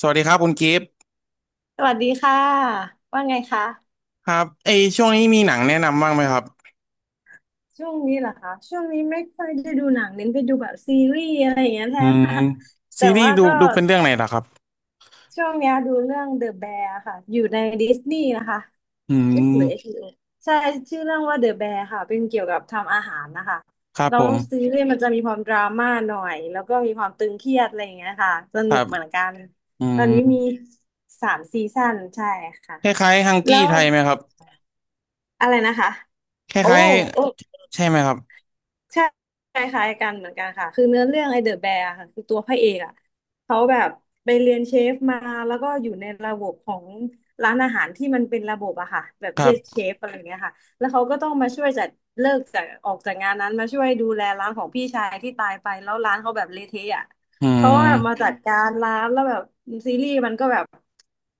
สวัสดีครับคุณกิฟต์สวัสดีค่ะว่าไงคะครับเอยช่วงนี้มีหนังแนะนำบ้างไหมครับช่วงนี้เหรอคะช่วงนี้ไม่ค่อยได้ดูหนังเน้นไปดูแบบซีรีส์อะไรอย่างเงี้ยแทอืนมค่ะ แต่ซีรีส์ว่าดูก็ดูเป็นเรื่องไหนล่ะครับช่วงเนี้ยดูเรื่อง The Bear ค่ะอยู่ในดิสนีย์นะคะอืเอ๊ะหรือเอชมบี b o ใช่ชื่อเรื่องว่า The Bear ค่ะเป็นเกี่ยวกับทำอาหารนะคะครับแล้ผวมซีรีส์มันจะมีความดราม่าหน่อยแล้วก็มีความตึงเครียดอะไรอย่างเงี้ยค่ะสคนุรักบเหมือนกันอืตอนมนี้มีสามซีซั่นใช่ค่ะคล้ายๆฮังแล้กี้วไทยไหมครับอะไรนะคะคโอ้ล้ายโอ้ ๆใช่ไหมครับใช่คล้ายๆกันเหมือนกันค่ะคือเนื้อเรื่องไอเดอะแบร์ค่ะคือตัวพระเอกอ่ะเขาแบบไปเรียนเชฟมาแล้วก็อยู่ในระบบของร้านอาหารที่มันเป็นระบบอะค่ะแบบคเยรัสเชบฟอะไรเงี้ยค่ะแล้วเขาก็ต้องมาช่วยจัดเลิกจากออกจากงานนั้นมาช่วยดูแลร้านของพี่ชายที่ตายไปแล้วร้านเขาแบบเละเทะอะ อืเขาก็แบบมามจัดการร้านแล้วแบบซีรีส์มันก็แบบ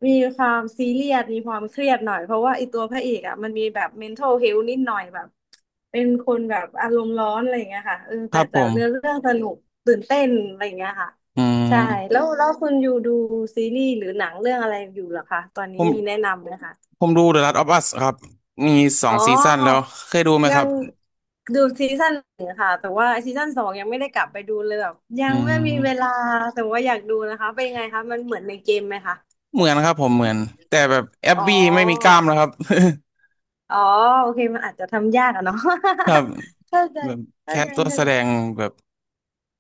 มีความซีเรียสมีความเครียดหน่อยเพราะว่าไอตัวพระเอกอ่ะมันมีแบบ mental health นิดหน่อยแบบเป็นคนแบบอารมณ์ร้อนอะไรอย่างเงี้ยค่ะเออคแต่รับผแต่เนื้อมเรื่องสนุกตื่นเต้นอะไรอย่างเงี้ยค่ะอืใช่มแล้วคุณอยู่ดูซีรีส์หรือหนังเรื่องอะไรอยู่เหรอคะตอนผนี้มมีแนะนำไหมคะผมดู The Last of Us ครับมีสออ๋งอ ซีซั่นแล้วเคยดูไหมยัครับงดูซีซั่นหนึ่งค่ะแต่ว่าซีซั่นสองยังไม่ได้กลับไปดูเลยแบบยัอืงไม่มีเวมลาแต่ว่าอยากดูนะคะเป็นไงคะมันเหมือนในเกมไหมคะเหมือนครับผมเหมือนแต่แบบแอบอ๋อบี้ไม่มีกล้ามแล้วครับ อ๋อโอเคมันอาจจะทำยากอะเนาะ ครับ เข้าใจแบบเข้าแค่ใจตัวเข้าแสใจดงแบบ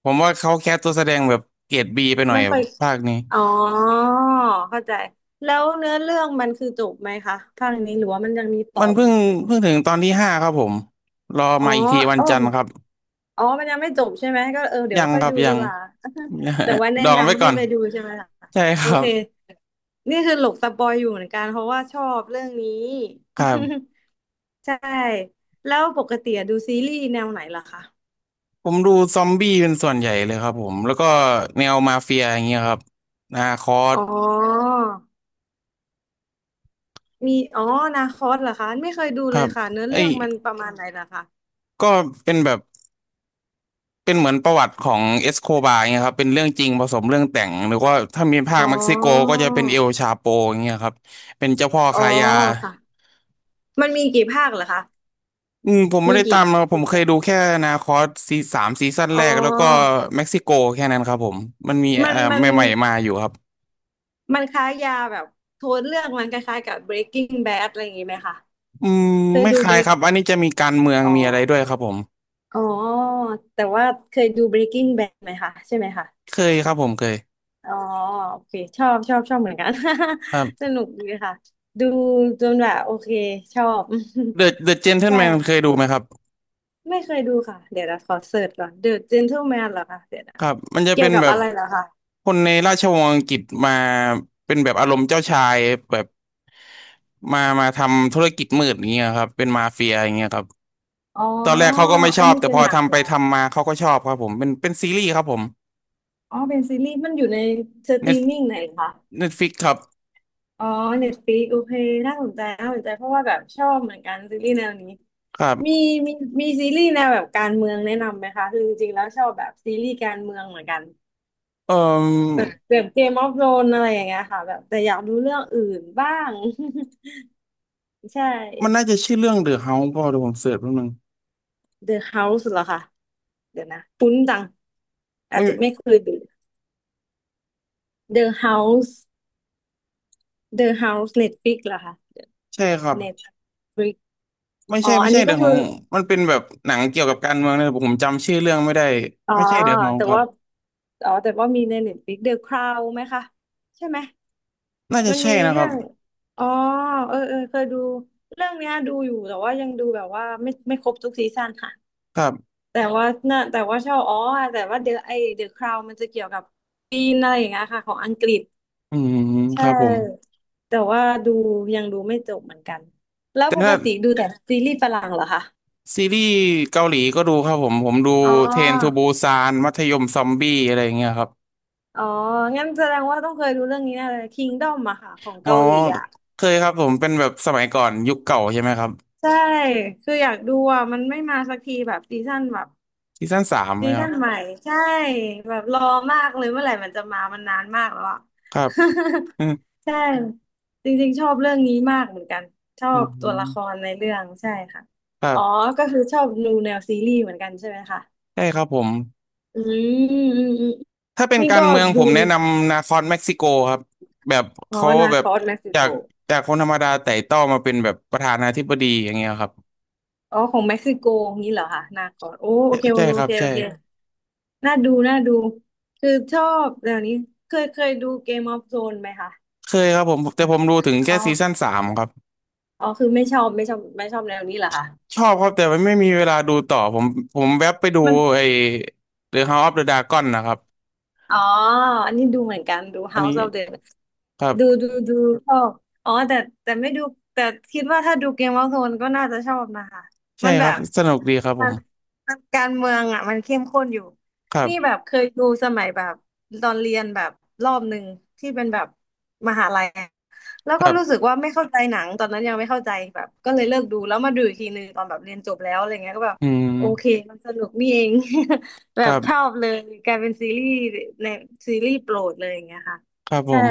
ผมว่าเขาแคสตัวแสดงแบบเกรดบีไปหน่อยไม่ค่อยภาคนี้อ๋อเข้าใจแล้วเนื้อเรื่องมันคือจบไหมคะภาคนี้หรือว่ามันยังมีต่อมันเพิ่อีงกเพิ่งถึงตอนที่ห้าครับผมรออ๋อมาอีกทีวันเออ จันทร์ครับอ๋อมันยังไม่จบใช่ไหมก็เออเดี๋ยยัวงค่อคยรับดูยัดีง กว่า แต่ว่า แนะดองไว้นำก่ให้อนไปดูใช่ไหมล่ะใช่คโอรัเค บนี่คือหลบสปอยอยู่เหมือนกันเพราะว่าชอบเรื่องนี้ ครับ ใช่ แล้วปกติอะดูซีรีส์แนวไหนล่ะคะผมดูซอมบี้เป็นส่วนใหญ่เลยครับผมแล้วก็แนวมาเฟียอย่างเงี้ยครับนาคอสอ๋อมีอ๋อนาคอสเหรอคะไม่เคยดูคเลรัยบค่ะเนื้อไอ้เรื่อยงมันประมาณไหนล่ะคะก็เป็นแบบเป็นเหมือนประวัติของเอสโคบาร์เงี้ยครับเป็นเรื่องจริงผสมเรื่องแต่งหรือว่าถ้ามีภาอ๋คอเม็กซิโกก็จะเป็นเอลชาโปอย่างเงี้ยครับเป็นเจ้าพ่ออ๋อค้ายา ค่ะมันมีกี่ภาคเหรอคะอืมผมไม่มีได้ตากี่มมาผกี่มเคภายดูคแค่นาคอสซีสามซีซั่นอ๋อแรกแล้วก็เม็กซิโกแค่นั้นครับผมมันมีมันมัน ใหม่ๆมาอยู่ครับมันคล้ายยาแบบโทนเรื่องมันคล้ายๆกับ Breaking Bad อะไรอย่างงี้ไหมคะอืมเคยไม่ดู คล้าย Break ครับอันนี้จะมีการเมืองอ๋อมีอะไรด้วยครับผมอ๋อแต่ว่าเคยดู Breaking Bad ไหมคะใช่ไหมคะเคยครับผมเคยอ๋อโอเคชอบชอบชอบเหมือนกัน ครั สบนุกดีค่ะดูจนแบบโอเคชอบ เดอะเด อะเจนเทิลใช่แมนเคยดูไหมครับไม่เคยดูค่ะเดี๋ยวนะขอเสิร์ชก่อน The Gentleman เหรอคะเดี๋ยวนะครับมันจะเกี่ยเป็วนกับแบบอะไรเหรอคะคนในราชวงศ์อังกฤษมาเป็นแบบอารมณ์เจ้าชายแบบมาทำธุรกิจมืดอย่างเงี้ยครับเป็นมาเฟียอย่างเงี้ยครับอ๋อตอนแรกเขาก็ไม่ชอันอบนี้แต่เป็พนอหนังทำเหไปรอคะทำมาเขาก็ชอบครับผมเป็นซีรีส์ครับผม อ๋อเป็นซีรีส์มันอยู่ในสตรีมมิ่งไหนคะ Netflix ครับอ๋อเน t ตฟ i ิกโอเคน่าสนใจน่าสนใจเพราะว่าแบบชอบเหมือนกันซีรีส์แนวนี้ ครัมีบมีมีซีรีส์แนวแบบการเมืองแนะนำไหมคะ คือจริงๆแล้วชอบแบบซีรีส์การเมืองเหมือนกันเอ่อแบบแบบเกมออฟโรนอะไรอย่างเงี้ยค่ะแบบแต่อยากดูเรื่องอื่นบ้าง ใช่ มันน่าจะชื่อเรื่อง The House พอเดี๋ยวผมเสิร์ชแป๊บนึง The House เหรอคะเดี๋ยวนะคุ้นจังอาไม่จจะไม่เคยดู The House The House Netflix เหรอคะ ใช่ครับ Netflix ไม่อ๋อใช่ไม่อันใช่ นี้ The ก็คือ House มันเป็นแบบหนังเกี่ยวกับการเมืองนะแต่ผมจำชื่อเรื่องไม่ได้อ๋อไม่ใช่ The House แต่ครับว่าอ๋อแต่ว่ามีในเน็ตฟลิกเดอะคราวไหมคะใช่ไหมน่าจะมันใช่มีนะคเรื่รัอบงอ๋อเออเออเคยดู เรื่องเนี้ยดูอยู่ แต่ว่ายังดูแบบว่าไม่ครบทุกซีซั่นค่ะครับแต่ว่าน่ะแต่ว่าชอบอ๋อแต่ว่าเดอะไอเดอะคราวมันจะเกี่ยวกับปีนอะไรอย่างเงี้ยค่ะของอังกฤษอืมคใช่ รับผมแต่ว่าดูยังดูไม่จบเหมือนกันแล้วแต่ปกถ้าติดูแต่ซีรีส์ฝรั่งเหรอคะซีรีส์เกาหลีก็ดูครับผมผมดูอ๋อเทรนทูบูซานมัธยมซอมบี้อะไรอย่างเงี้ยครับอ๋องั้นแสดงว่าต้องเคยดูเรื่องนี้แน่เลย Kingdom อะค่ะของอ๋อเกาหลีอะ เคยครับผมเป็นแบบสมัยก่อนยุคเก่าใช่ไหมครับใช่คืออยากดูอ่ะมันไม่มาสักทีแบบซีซั่นแบบซีซั่นสามไหซีมครัซั่บนใหม่ใช่แบบรอมากเลยเมื่อไหร่มันจะมามันนานมากแล้วอ่ะ ครับ อืมใช่จริงๆชอบเรื่องนี้มากเหมือนกันชออืบตัวละมครในเรื่องใช่ค่ะครัอ๋อบ ก็คือชอบดูแนวซีรีส์เหมือนกันใช่ไหมคะใช่ครับผมอืมอืมอืมถ้าเป็นนี่กาก็รเมืองผดูมแนะนำนาคอนเม็กซิโกครับแบบอ๋อเขานาแบคบอสเม็กซิจาโกกจากคนธรรมดาไต่เต้ามาเป็นแบบประธานาธิบดีอย่างเงี้ยครับอ๋อของเม็กซิโกงี้เหรอคะนาคอสโอ้โอใช่เคโอใช่ครับเคใช่โอเค น่าดูน่าดูคือชอบแนวนี้เคยเคยดู Game of Thrones ไหมคะเคยครับผมแต่ผมดูถึงแค่อ๋ซีซั่อนสามครับอ๋อคือไม่ชอบไม่ชอบไม่ชอบแนวนี้เหรอคะชอบครับแต่มันไม่มีเวลาดูต่อผมผมแวบไปดูมันไอ้ The House of the Dragon นะครับอ๋ออันนี้ดูเหมือนกันดู อันนี้ House of the ครัดูบดูดูชอบอ๋อแต่แต่ไม่ดูแต่คิดว่าถ้าดู Game of Thrones ก็น่าจะชอบนะคะใช่มันคแบรับบ สนุกดีครับผมันมมันการเมืองอ่ะมันเข้มข้นอยู่ครันี่แบบบเคยดูสมัยแบบตอนเรียนแบบรอบหนึ่งที่เป็นแบบมหาลัยอะแล้วคก็รัรู้สึกบว่าไม่เข้าใจหนังตอนนั้นยังไม่เข้าใจแบบก็เลยเลิกดูแล้วมาดูอีกทีหนึ่งตอนแบบเรียนจบแล้วอะไรเงี้ยก็แบบอืมโอเคมันสนุกนี่เอง แบคบรัชอบบเลยกลายเป็นซีรีส์ในซีรีส์โปรดเลยอย่างเงี้ยค่ะครับผใช่ม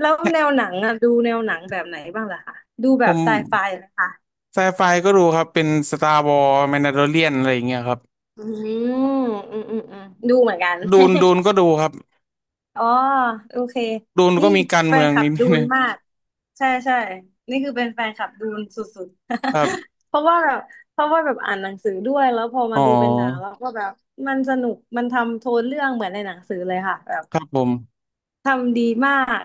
แล้วเนี่ยแนวหนังอ่ะดูแนวหนังแบบไหนบ้างล่ะคะดูแบผบม ไซไฟเหรอคะ ไซไฟก็ดูครับเป็นสตาร์วอร์แมนดาโลเรียนอะไรอย่างเงี้ยครับอืมอืมอืมอืมดูเหมือนกัน ดูนก็ดูครับอ๋อโอเคดูนนี่ก็มีการแฟเมืนองคลับนิดดูนึนงมากใช่ใช่นี่คือเป็นแฟนคลับดูนสุดคๆ รับ เพราะว่าแบบเพราะว่าแบบอ่านหนังสือด้วยแล้วพออ๋มาอดูเป็นหนังแล้วก็แบบมันสนุกมันทำโทนเรื่องเหมือนในหนังสือเลยค่ะแบบครับผมทำดีมาก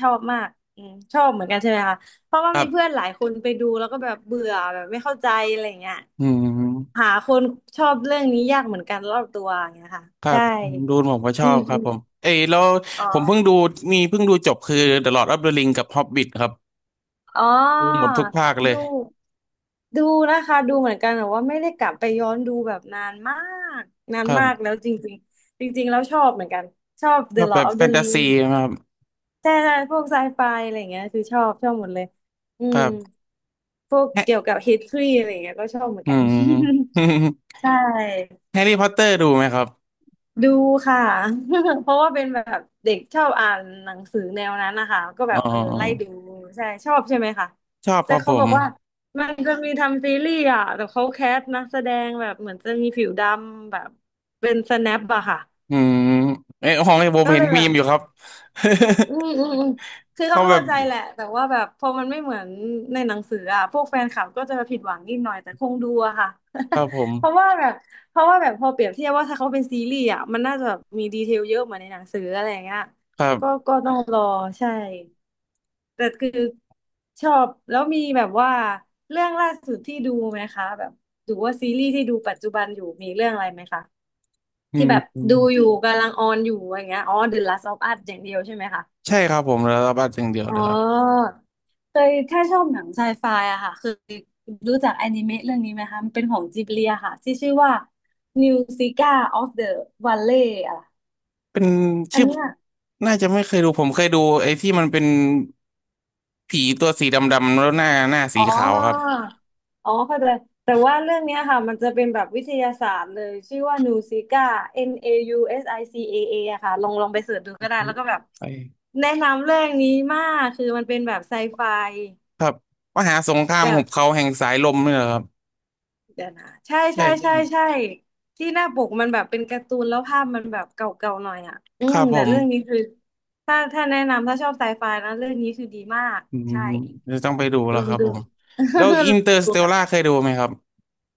ชอบมากอืมชอบเหมือนกันใช่ไหมคะ เพราะว่าครัมีเพื่อบนหลายคนไปดูแล้วก็แบบเบื่อแบบไม่เข้าใจอะไรอย่างเงี้ยอืมหาคนชอบเรื่องนี้ยากเหมือนกันรอบตัวอย่างเงี้ยค่ะครัใช่ บดูนผมก็ชอือมบคอรับผมมเอ้ยแล้วอ๋ผมเพิ่งดูอมีเพิ่งดูจบคือ The Lord of the Ring กับ Hobbit ครับอ๋อดูหมดทุกภาคเลยดูดูนะคะ ดูเหมือนกันแต่ว่าไม่ได้กลับไปย้อนดูแบบนานมาก นานครับมากแล้วจริงๆจริงๆแล้วชอบเหมือนกัน ชอบ The ก็แบ Lord บ of แฟ the นตา Ring ซีครับใช่ใช่พวกไซไฟอะไรอย่างเงี้ยคือชอบชอบหมดเลย อืคม รับพวกแฮะเกี่ยวกับ history อะไรอย่างเงี้ยก็ชอบเหมือนอืกัน ม ใช่ แฮร์รี่พอตเตอร์ดูไหมครับดูค่ะ เพราะว่าเป็นแบบเด็กชอบอ่านหนังสือแนวนั้นนะคะก็แบอ๋บเออไล่ดูอใช่ชอบใช่ไหมคะชอบคแต่รับผเขาบม อกว่ามันจะมีทำซีรีส์อ่ะแต่เขาแคสต์นักแสดงแบบเหมือนจะมีผิวดำแบบเป็นสแนปอะค่ะอืมเอ้ยของไอ้ผมก็เห็เลนยแบมีบ มอยู่ครับ อืมอืมอืม คือเขาเขาแบบเข้าใจแหละแต่ว่าแบบพอมันไม่เหมือนในหนังสืออ่ะพวกแฟนคลับก็จะผิดหวังนิดหน่อยแต่คงดูอะค่ะ ครับผม เพราะว่าแบบเพราะว่าแบบพอเปรียบเทียบว่าถ้าเขาเป็นซีรีส์อ่ะมันน่าจะแบบมีดีเทลเยอะเหมือนในหนังสืออะไรอย่างเงี้ยครัก็บก็ต้องรอใช่แต่คือชอบแล้วมีแบบว่าเรื่องล่าสุดที่ดูไหมคะแบบหรือว่าซีรีส์ที่ดูปัจจุบันอยู่มีเรื่องอะไรไหมคะอืที่แบบดูอมยู่กำลังออนอยู่อย่างเงี้ยอ๋อ The Last of Us อย่างเดียวใช่ไหมคะ ใช่ครับผมแล้วรับบัตรอย่างเดียวอ๋เลอยครับเคยถ้าชอบหนังไซไฟอะค่ะเคยรู้จักอนิเมะเรื่องนี้ไหมคะมันเป็นของจิบลิอะค่ะที่ชื่อว่า New Zika of the Valley อะเป็นอัชื่นอเนี้ยน่าจะไม่เคยดูผมเคยดูไอ้ที่มันเป็นผีตัวสีดำๆแล้วหน้าอ๋สีอขาวครับอ๋อเข้าใจแต่ว่าเรื่องเนี้ยค่ะมันจะเป็นแบบวิทยาศาสตร์เลยชื่อว่า Nusika NAUSICAA อยูเอสไอซีเอเออะค่ะลองลองไปเสิร์ชดูก็ได้แล้วก็แบบไอ้แนะนำเรื่องนี้มากคือมันเป็นแบบไซไฟครับมหาสงคราแบมหุบ บเขาแห่งสายลมนี่แหละครับเดี๋ยวนะใช่ใช่ใช่ใช่ใช่ใช่ที่หน้าปกมันแบบเป็นการ์ตูนแล้วภาพมันแบบเก่าๆหน่อยอ่ะอืคมรับผแต่มเรื่องนี้คือถ้าถ้าแนะนำถ้าชอบไซไฟนะเรื่องนี้คือดีมากอืมใช่จะต้องไปดูแล้ลวองครับดู ผมแล้ วอินเตอร์สดูเตลล่าค่ะเคยดูไหมครับ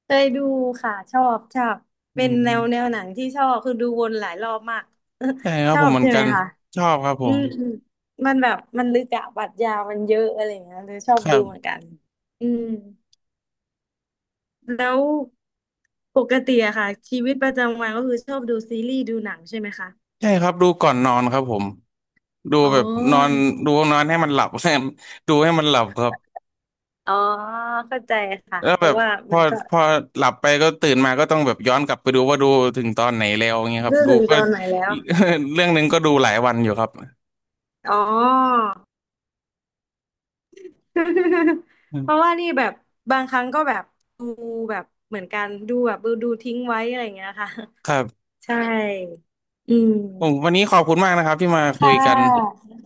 เคยดูค่ะชอบชอบอืเป็นแนม วแนวหนังที่ชอบคือดูวนหลายรอบมากใช่ครัชบอผมบเหมือนใช่ไหกัมนคะชอบครับผอืมมอืมมันแบบมันลึกอะปรัชญามันเยอะอะไรอย่างเงี้ยเลยชอคบดูรับเหมือนกันอืมแล้ว ปกติอะค่ะชีวิตประจำวันก็คือชอบดูซีรีส์ดูหนังใช่ไหมคะใช่ครับดูก่อนนอนครับผมดูอ๋อแบบนอนดูนอนให้มันหลับ ใช่ดูให้มันหลับครับอ๋อเข้าใจค่ะแล้วเพแบราะบว่าพอมันก็พอหลับไปก็ตื่นมาก็ต้องแบบย้อนกลับไปดูว่าดูถึงตอนไหนแล้วอย่างเงี้ยครับดูดูถึงก็ ตอนไหนแล้ว เรื่องหนึงก็ดูหลายวันอยู่ครับอ๋อ อื เพราะว่ามนี่แบบบางครั้งก็แบบดูแบบเหมือนกันดูแบบดูดูทิ้งไว้อะไรอย่างเงี้ยค่ะ ครับ ใช่อืมผมวันนี้ขอบคุณมากนะครับที่มาคุค่ะยกัน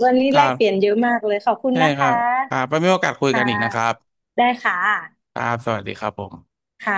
วันนี้คแลรักบเปลี่ยนเยอะมากเลยขอบคุณใช่นะครัคะบครับไปมีโอกาสคุยกัค่ะนอีกนะครับได้ค่ะครับสวัสดีครับผมค่ะ